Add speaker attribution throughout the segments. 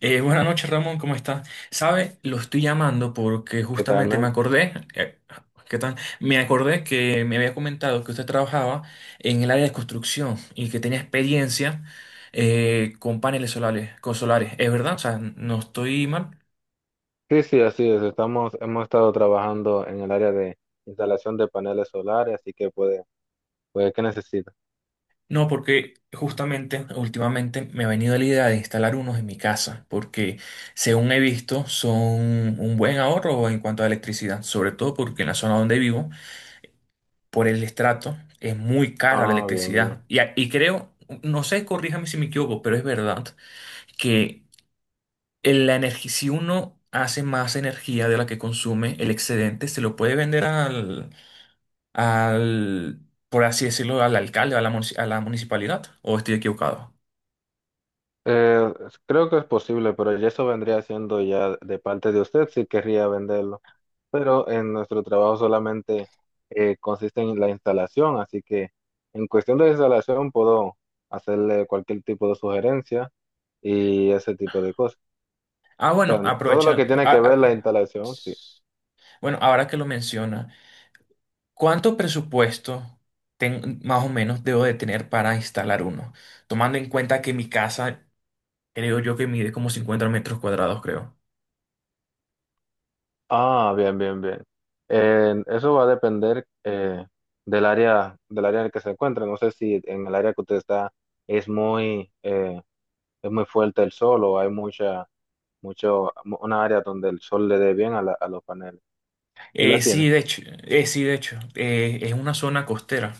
Speaker 1: Buenas noches, Ramón, ¿cómo estás? Sabe, lo estoy llamando porque
Speaker 2: ¿Qué tal,
Speaker 1: justamente me
Speaker 2: man?
Speaker 1: acordé, ¿qué tal? Me acordé que me había comentado que usted trabajaba en el área de construcción y que tenía experiencia con paneles solares, con solares. ¿Es verdad? O sea, no estoy mal.
Speaker 2: Sí, sí, así es. Hemos estado trabajando en el área de instalación de paneles solares, así que puede, ¿qué necesita?
Speaker 1: No, porque justamente últimamente me ha venido la idea de instalar unos en mi casa, porque según he visto son un buen ahorro en cuanto a electricidad, sobre todo porque en la zona donde vivo, por el estrato, es muy cara la
Speaker 2: Ah, bien, bien.
Speaker 1: electricidad. Y creo, no sé, corríjame si me equivoco, pero es verdad que la energía, si uno hace más energía de la que consume, el excedente se lo puede vender al, por así decirlo, al alcalde, a la municipalidad, o estoy equivocado.
Speaker 2: Eh, Creo que es posible, pero ya eso vendría siendo ya de parte de usted si querría venderlo. Pero en nuestro trabajo solamente consiste en la instalación, así que en cuestión de instalación puedo hacerle cualquier tipo de sugerencia y ese tipo de cosas.
Speaker 1: Ah,
Speaker 2: O
Speaker 1: bueno,
Speaker 2: sea, todo lo
Speaker 1: aprovechan.
Speaker 2: que tiene que ver la
Speaker 1: Ah.
Speaker 2: instalación, sí.
Speaker 1: Bueno, ahora que lo menciona, ¿cuánto presupuesto más o menos debo de tener para instalar uno? Tomando en cuenta que mi casa, creo yo que mide como 50 metros cuadrados, creo.
Speaker 2: Ah, bien, bien, bien. Eso va a depender del área, en el que se encuentra. No sé si en el área que usted está es es muy fuerte el sol, o hay mucho, una área donde el sol le dé bien a a los paneles. ¿Sí la
Speaker 1: Eh,
Speaker 2: tiene?
Speaker 1: sí, de hecho, sí, de hecho, es una zona costera.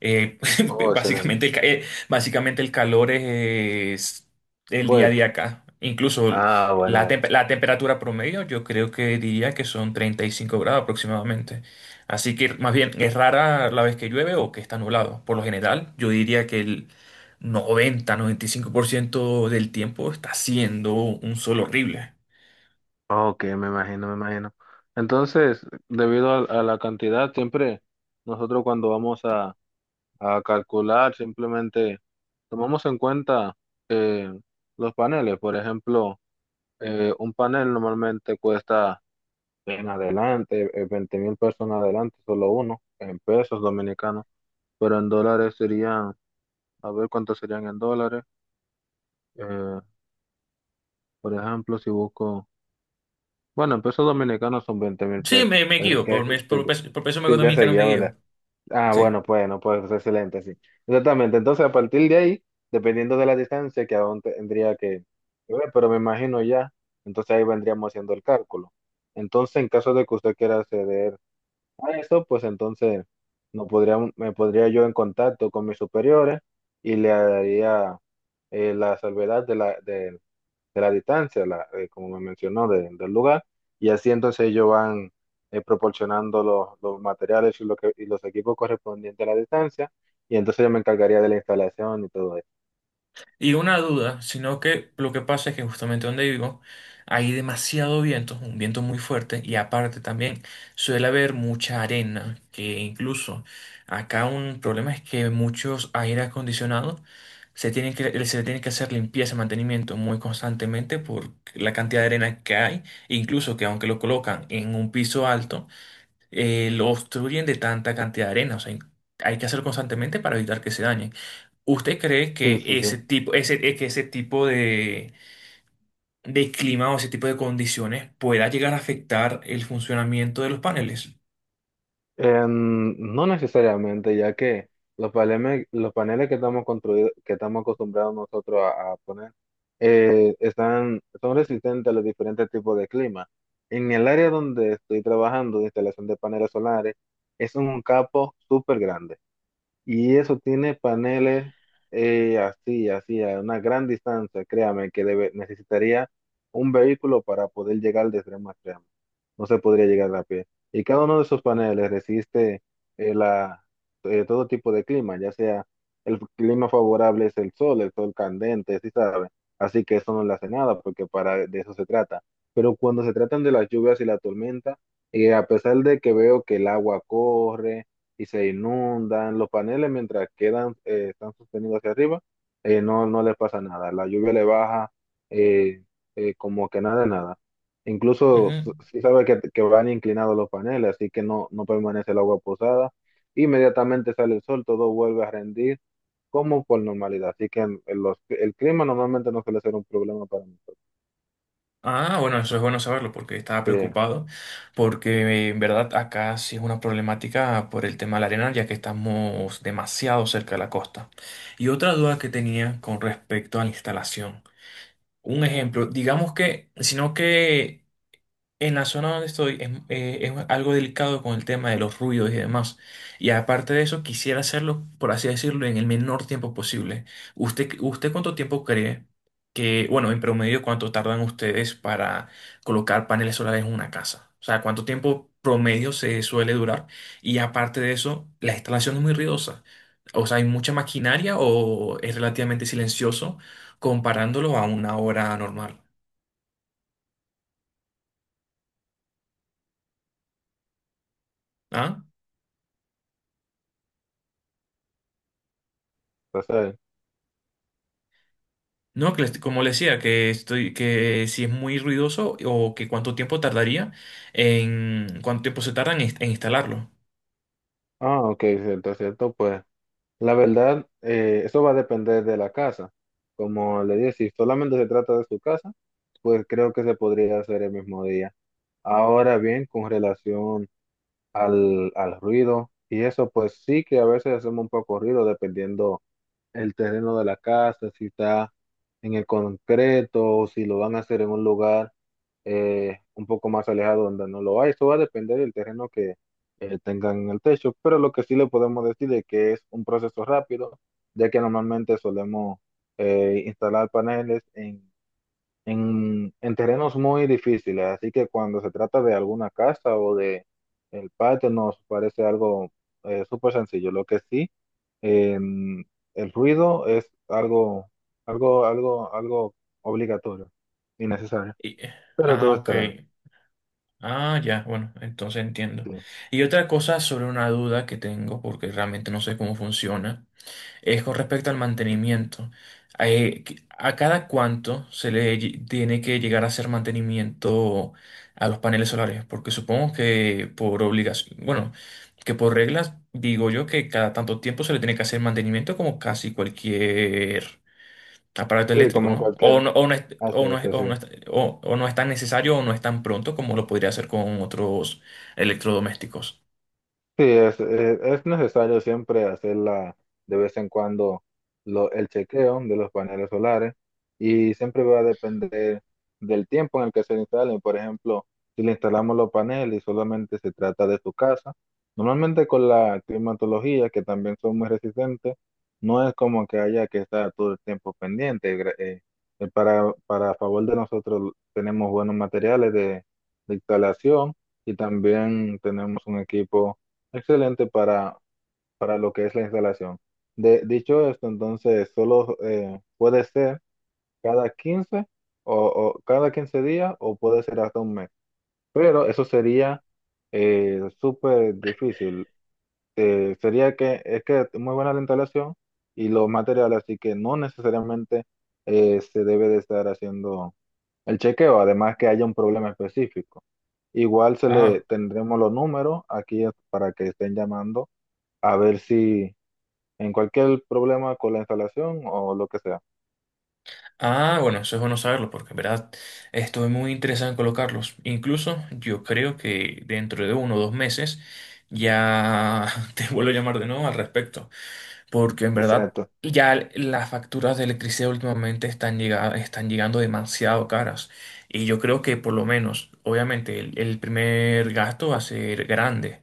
Speaker 1: Eh,
Speaker 2: Oh, excelente.
Speaker 1: básicamente, básicamente el calor es el día a día
Speaker 2: Fuerte.
Speaker 1: acá. Incluso
Speaker 2: Ah, bueno,
Speaker 1: la,
Speaker 2: bueno.
Speaker 1: tempe- la temperatura promedio, yo creo que diría que son 35 grados aproximadamente. Así que más bien es rara la vez que llueve o que está nublado. Por lo general, yo diría que el noventa y cinco por ciento del tiempo está siendo un sol horrible.
Speaker 2: Ok, me imagino, me imagino. Entonces, debido a la cantidad, siempre nosotros cuando vamos a calcular, simplemente tomamos en cuenta eh, los paneles. Por ejemplo, un panel normalmente cuesta en adelante, 20 mil pesos en adelante, solo uno, en pesos dominicanos, pero en dólares serían, a ver cuántos serían en dólares. Eh, por ejemplo, si busco, bueno, en pesos dominicanos son veinte mil
Speaker 1: Sí,
Speaker 2: pesos.
Speaker 1: me
Speaker 2: Es
Speaker 1: guío
Speaker 2: que
Speaker 1: por, mi- por,
Speaker 2: si,
Speaker 1: peso- por peso
Speaker 2: si ya
Speaker 1: económico me
Speaker 2: seguía,
Speaker 1: guío.
Speaker 2: ah,
Speaker 1: Sí.
Speaker 2: bueno, pues, no, pues excelente, sí. Exactamente. Entonces, a partir de ahí, dependiendo de la distancia que aún tendría que ver, pero me imagino ya, entonces ahí vendríamos haciendo el cálculo. Entonces, en caso de que usted quiera acceder a eso, pues entonces no podría, me podría yo en contacto con mis superiores, y le haría la salvedad de la, del de la distancia, como me mencionó, del lugar, y así entonces ellos van proporcionando los materiales y los equipos correspondientes a la distancia, y entonces yo me encargaría de la instalación y todo eso.
Speaker 1: Y una duda, sino que lo que pasa es que justamente donde vivo hay demasiado viento, un viento muy fuerte, y aparte también suele haber mucha arena, que incluso acá un problema es que muchos aire acondicionados se tienen que, se le tiene que hacer limpieza, mantenimiento muy constantemente por la cantidad de arena que hay, incluso que aunque lo colocan en un piso alto, lo obstruyen de tanta cantidad de arena. O sea, hay que hacerlo constantemente para evitar que se dañen. ¿Usted cree
Speaker 2: Sí,
Speaker 1: que
Speaker 2: sí, sí.
Speaker 1: ese tipo de, clima o ese tipo de condiciones pueda llegar a afectar el funcionamiento de los paneles?
Speaker 2: No necesariamente, ya que los paneles, que estamos que estamos acostumbrados nosotros a, poner, son resistentes a los diferentes tipos de clima. En el área donde estoy trabajando de instalación de paneles solares, es un campo súper grande. Y eso tiene paneles así, así, a una gran distancia. Créame, que necesitaría un vehículo para poder llegar de extremo a extremo. No se podría llegar a pie. Y cada uno de esos paneles resiste eh, la, todo tipo de clima, ya sea, el clima favorable es el sol candente, sí sabe. Así que eso no le hace nada, porque para de eso se trata. Pero cuando se tratan de las lluvias y la tormenta, a pesar de que veo que el agua corre, y se inundan. Los paneles, mientras quedan, están sostenidos hacia arriba, no, no les pasa nada. La lluvia le baja eh, como que nada, de nada. Incluso
Speaker 1: Ujú.
Speaker 2: sí sabe que van inclinados los paneles, así que no, no permanece el agua posada. Inmediatamente sale el sol, todo vuelve a rendir como por normalidad. Así que el clima normalmente no suele ser un problema para nosotros.
Speaker 1: Ah, bueno, eso es bueno saberlo porque estaba
Speaker 2: Sí,
Speaker 1: preocupado, porque en verdad acá sí es una problemática por el tema de la arena, ya que estamos demasiado cerca de la costa. Y otra duda que tenía con respecto a la instalación. Un ejemplo, digamos que, sino que. En la zona donde estoy es algo delicado con el tema de los ruidos y demás. Y aparte de eso, quisiera hacerlo, por así decirlo, en el menor tiempo posible. ¿Usted, usted cuánto tiempo cree que, bueno, en promedio, cuánto tardan ustedes para colocar paneles solares en una casa? O sea, ¿cuánto tiempo promedio se suele durar? Y aparte de eso, la instalación es muy ruidosa. O sea, ¿hay mucha maquinaria o es relativamente silencioso comparándolo a una hora normal? ¿Ah?
Speaker 2: entonces,
Speaker 1: No, que como le decía, que estoy, que si es muy ruidoso o que cuánto tiempo tardaría, en cuánto tiempo se tarda en en instalarlo.
Speaker 2: ah, ok, cierto, cierto, pues. La verdad, eso va a depender de la casa. Como le dije, si solamente se trata de su casa, pues creo que se podría hacer el mismo día. Ahora bien, con relación al ruido y eso, pues sí que a veces hacemos un poco ruido dependiendo el terreno de la casa, si está en el concreto, o si lo van a hacer en un lugar un poco más alejado donde no lo hay. Eso va a depender del terreno que tengan en el techo, pero lo que sí le podemos decir es que es un proceso rápido, ya que normalmente solemos instalar paneles en terrenos muy difíciles, así que cuando se trata de alguna casa o de el patio, nos parece algo súper sencillo. Lo que sí, em, el ruido es algo obligatorio y necesario,
Speaker 1: Y- eh,
Speaker 2: pero
Speaker 1: ah,
Speaker 2: todo
Speaker 1: ok.
Speaker 2: estará
Speaker 1: Ah, ya, bueno, entonces entiendo.
Speaker 2: bien. Sí,
Speaker 1: Y otra cosa sobre una duda que tengo, porque realmente no sé cómo funciona. Es con respecto al mantenimiento. ¿A cada cuánto se le tiene que llegar a hacer mantenimiento a los paneles solares? Porque supongo que por obligación, bueno, que por reglas digo yo que cada tanto tiempo se le tiene que hacer mantenimiento como casi cualquier aparato
Speaker 2: sí,
Speaker 1: eléctrico,
Speaker 2: como
Speaker 1: ¿no? O
Speaker 2: cualquier
Speaker 1: no, o no es,
Speaker 2: así
Speaker 1: o no es- o no
Speaker 2: hace,
Speaker 1: es- o no es tan necesario o no es tan pronto como lo podría hacer con otros electrodomésticos.
Speaker 2: sí, es, necesario siempre hacerla de vez en cuando el chequeo de los paneles solares, y siempre va a depender del tiempo en el que se instalen. Por ejemplo, si le instalamos los paneles y solamente se trata de su casa, normalmente con la climatología, que también son muy resistentes, no es como que haya que estar todo el tiempo pendiente. Para, favor de nosotros tenemos buenos materiales de instalación, y también tenemos un equipo excelente para lo que es la instalación. Dicho esto, entonces solo puede ser cada 15 o cada 15 días, o puede ser hasta un mes. Pero eso sería súper difícil. Sería que es muy buena la instalación y los materiales, así que no necesariamente se debe de estar haciendo el chequeo, además que haya un problema específico. Igual se le
Speaker 1: Ah.
Speaker 2: tendremos los números aquí para que estén llamando, a ver si en cualquier problema con la instalación o lo que sea.
Speaker 1: Ah, bueno, eso es bueno saberlo porque en verdad estoy muy interesado en colocarlos. Incluso yo creo que dentro de uno o dos meses ya te vuelvo a llamar de nuevo al respecto, porque en verdad
Speaker 2: Exacto.
Speaker 1: ya las facturas de electricidad últimamente están llegando demasiado caras y yo creo que por lo menos, obviamente el primer gasto va a ser grande,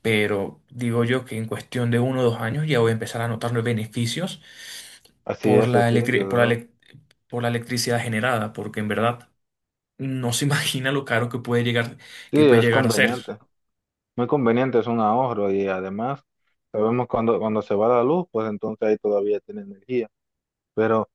Speaker 1: pero digo yo que en cuestión de uno o dos años ya voy a empezar a notar los beneficios por la
Speaker 2: Así es, desde
Speaker 1: electricidad,
Speaker 2: luego.
Speaker 1: por la electricidad generada, porque en verdad no se imagina lo caro
Speaker 2: Sí,
Speaker 1: que puede
Speaker 2: es
Speaker 1: llegar a ser.
Speaker 2: conveniente. Muy conveniente, es un ahorro, y además sabemos cuando, cuando se va la luz, pues entonces ahí todavía tiene energía. Pero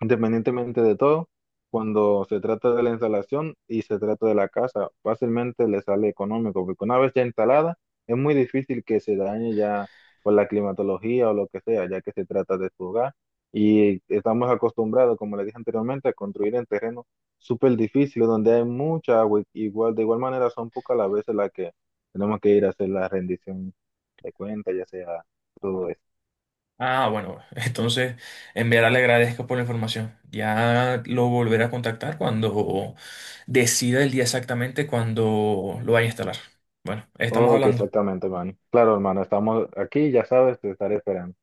Speaker 2: independientemente de todo, cuando se trata de la instalación y se trata de la casa, fácilmente le sale económico, porque una vez ya instalada, es muy difícil que se dañe ya por la climatología o lo que sea, ya que se trata de su hogar. Y estamos acostumbrados, como le dije anteriormente, a construir en terrenos súper difíciles, donde hay mucha agua, y igual, de igual manera son pocas las veces las que tenemos que ir a hacer la rendición de cuentas, ya sea todo eso.
Speaker 1: Ah, bueno, entonces en verdad le agradezco por la información. Ya lo volveré a contactar cuando decida el día exactamente cuando lo vaya a instalar. Bueno, estamos
Speaker 2: Ok,
Speaker 1: hablando.
Speaker 2: exactamente, hermano. Claro, hermano, estamos aquí, ya sabes, te estaré esperando.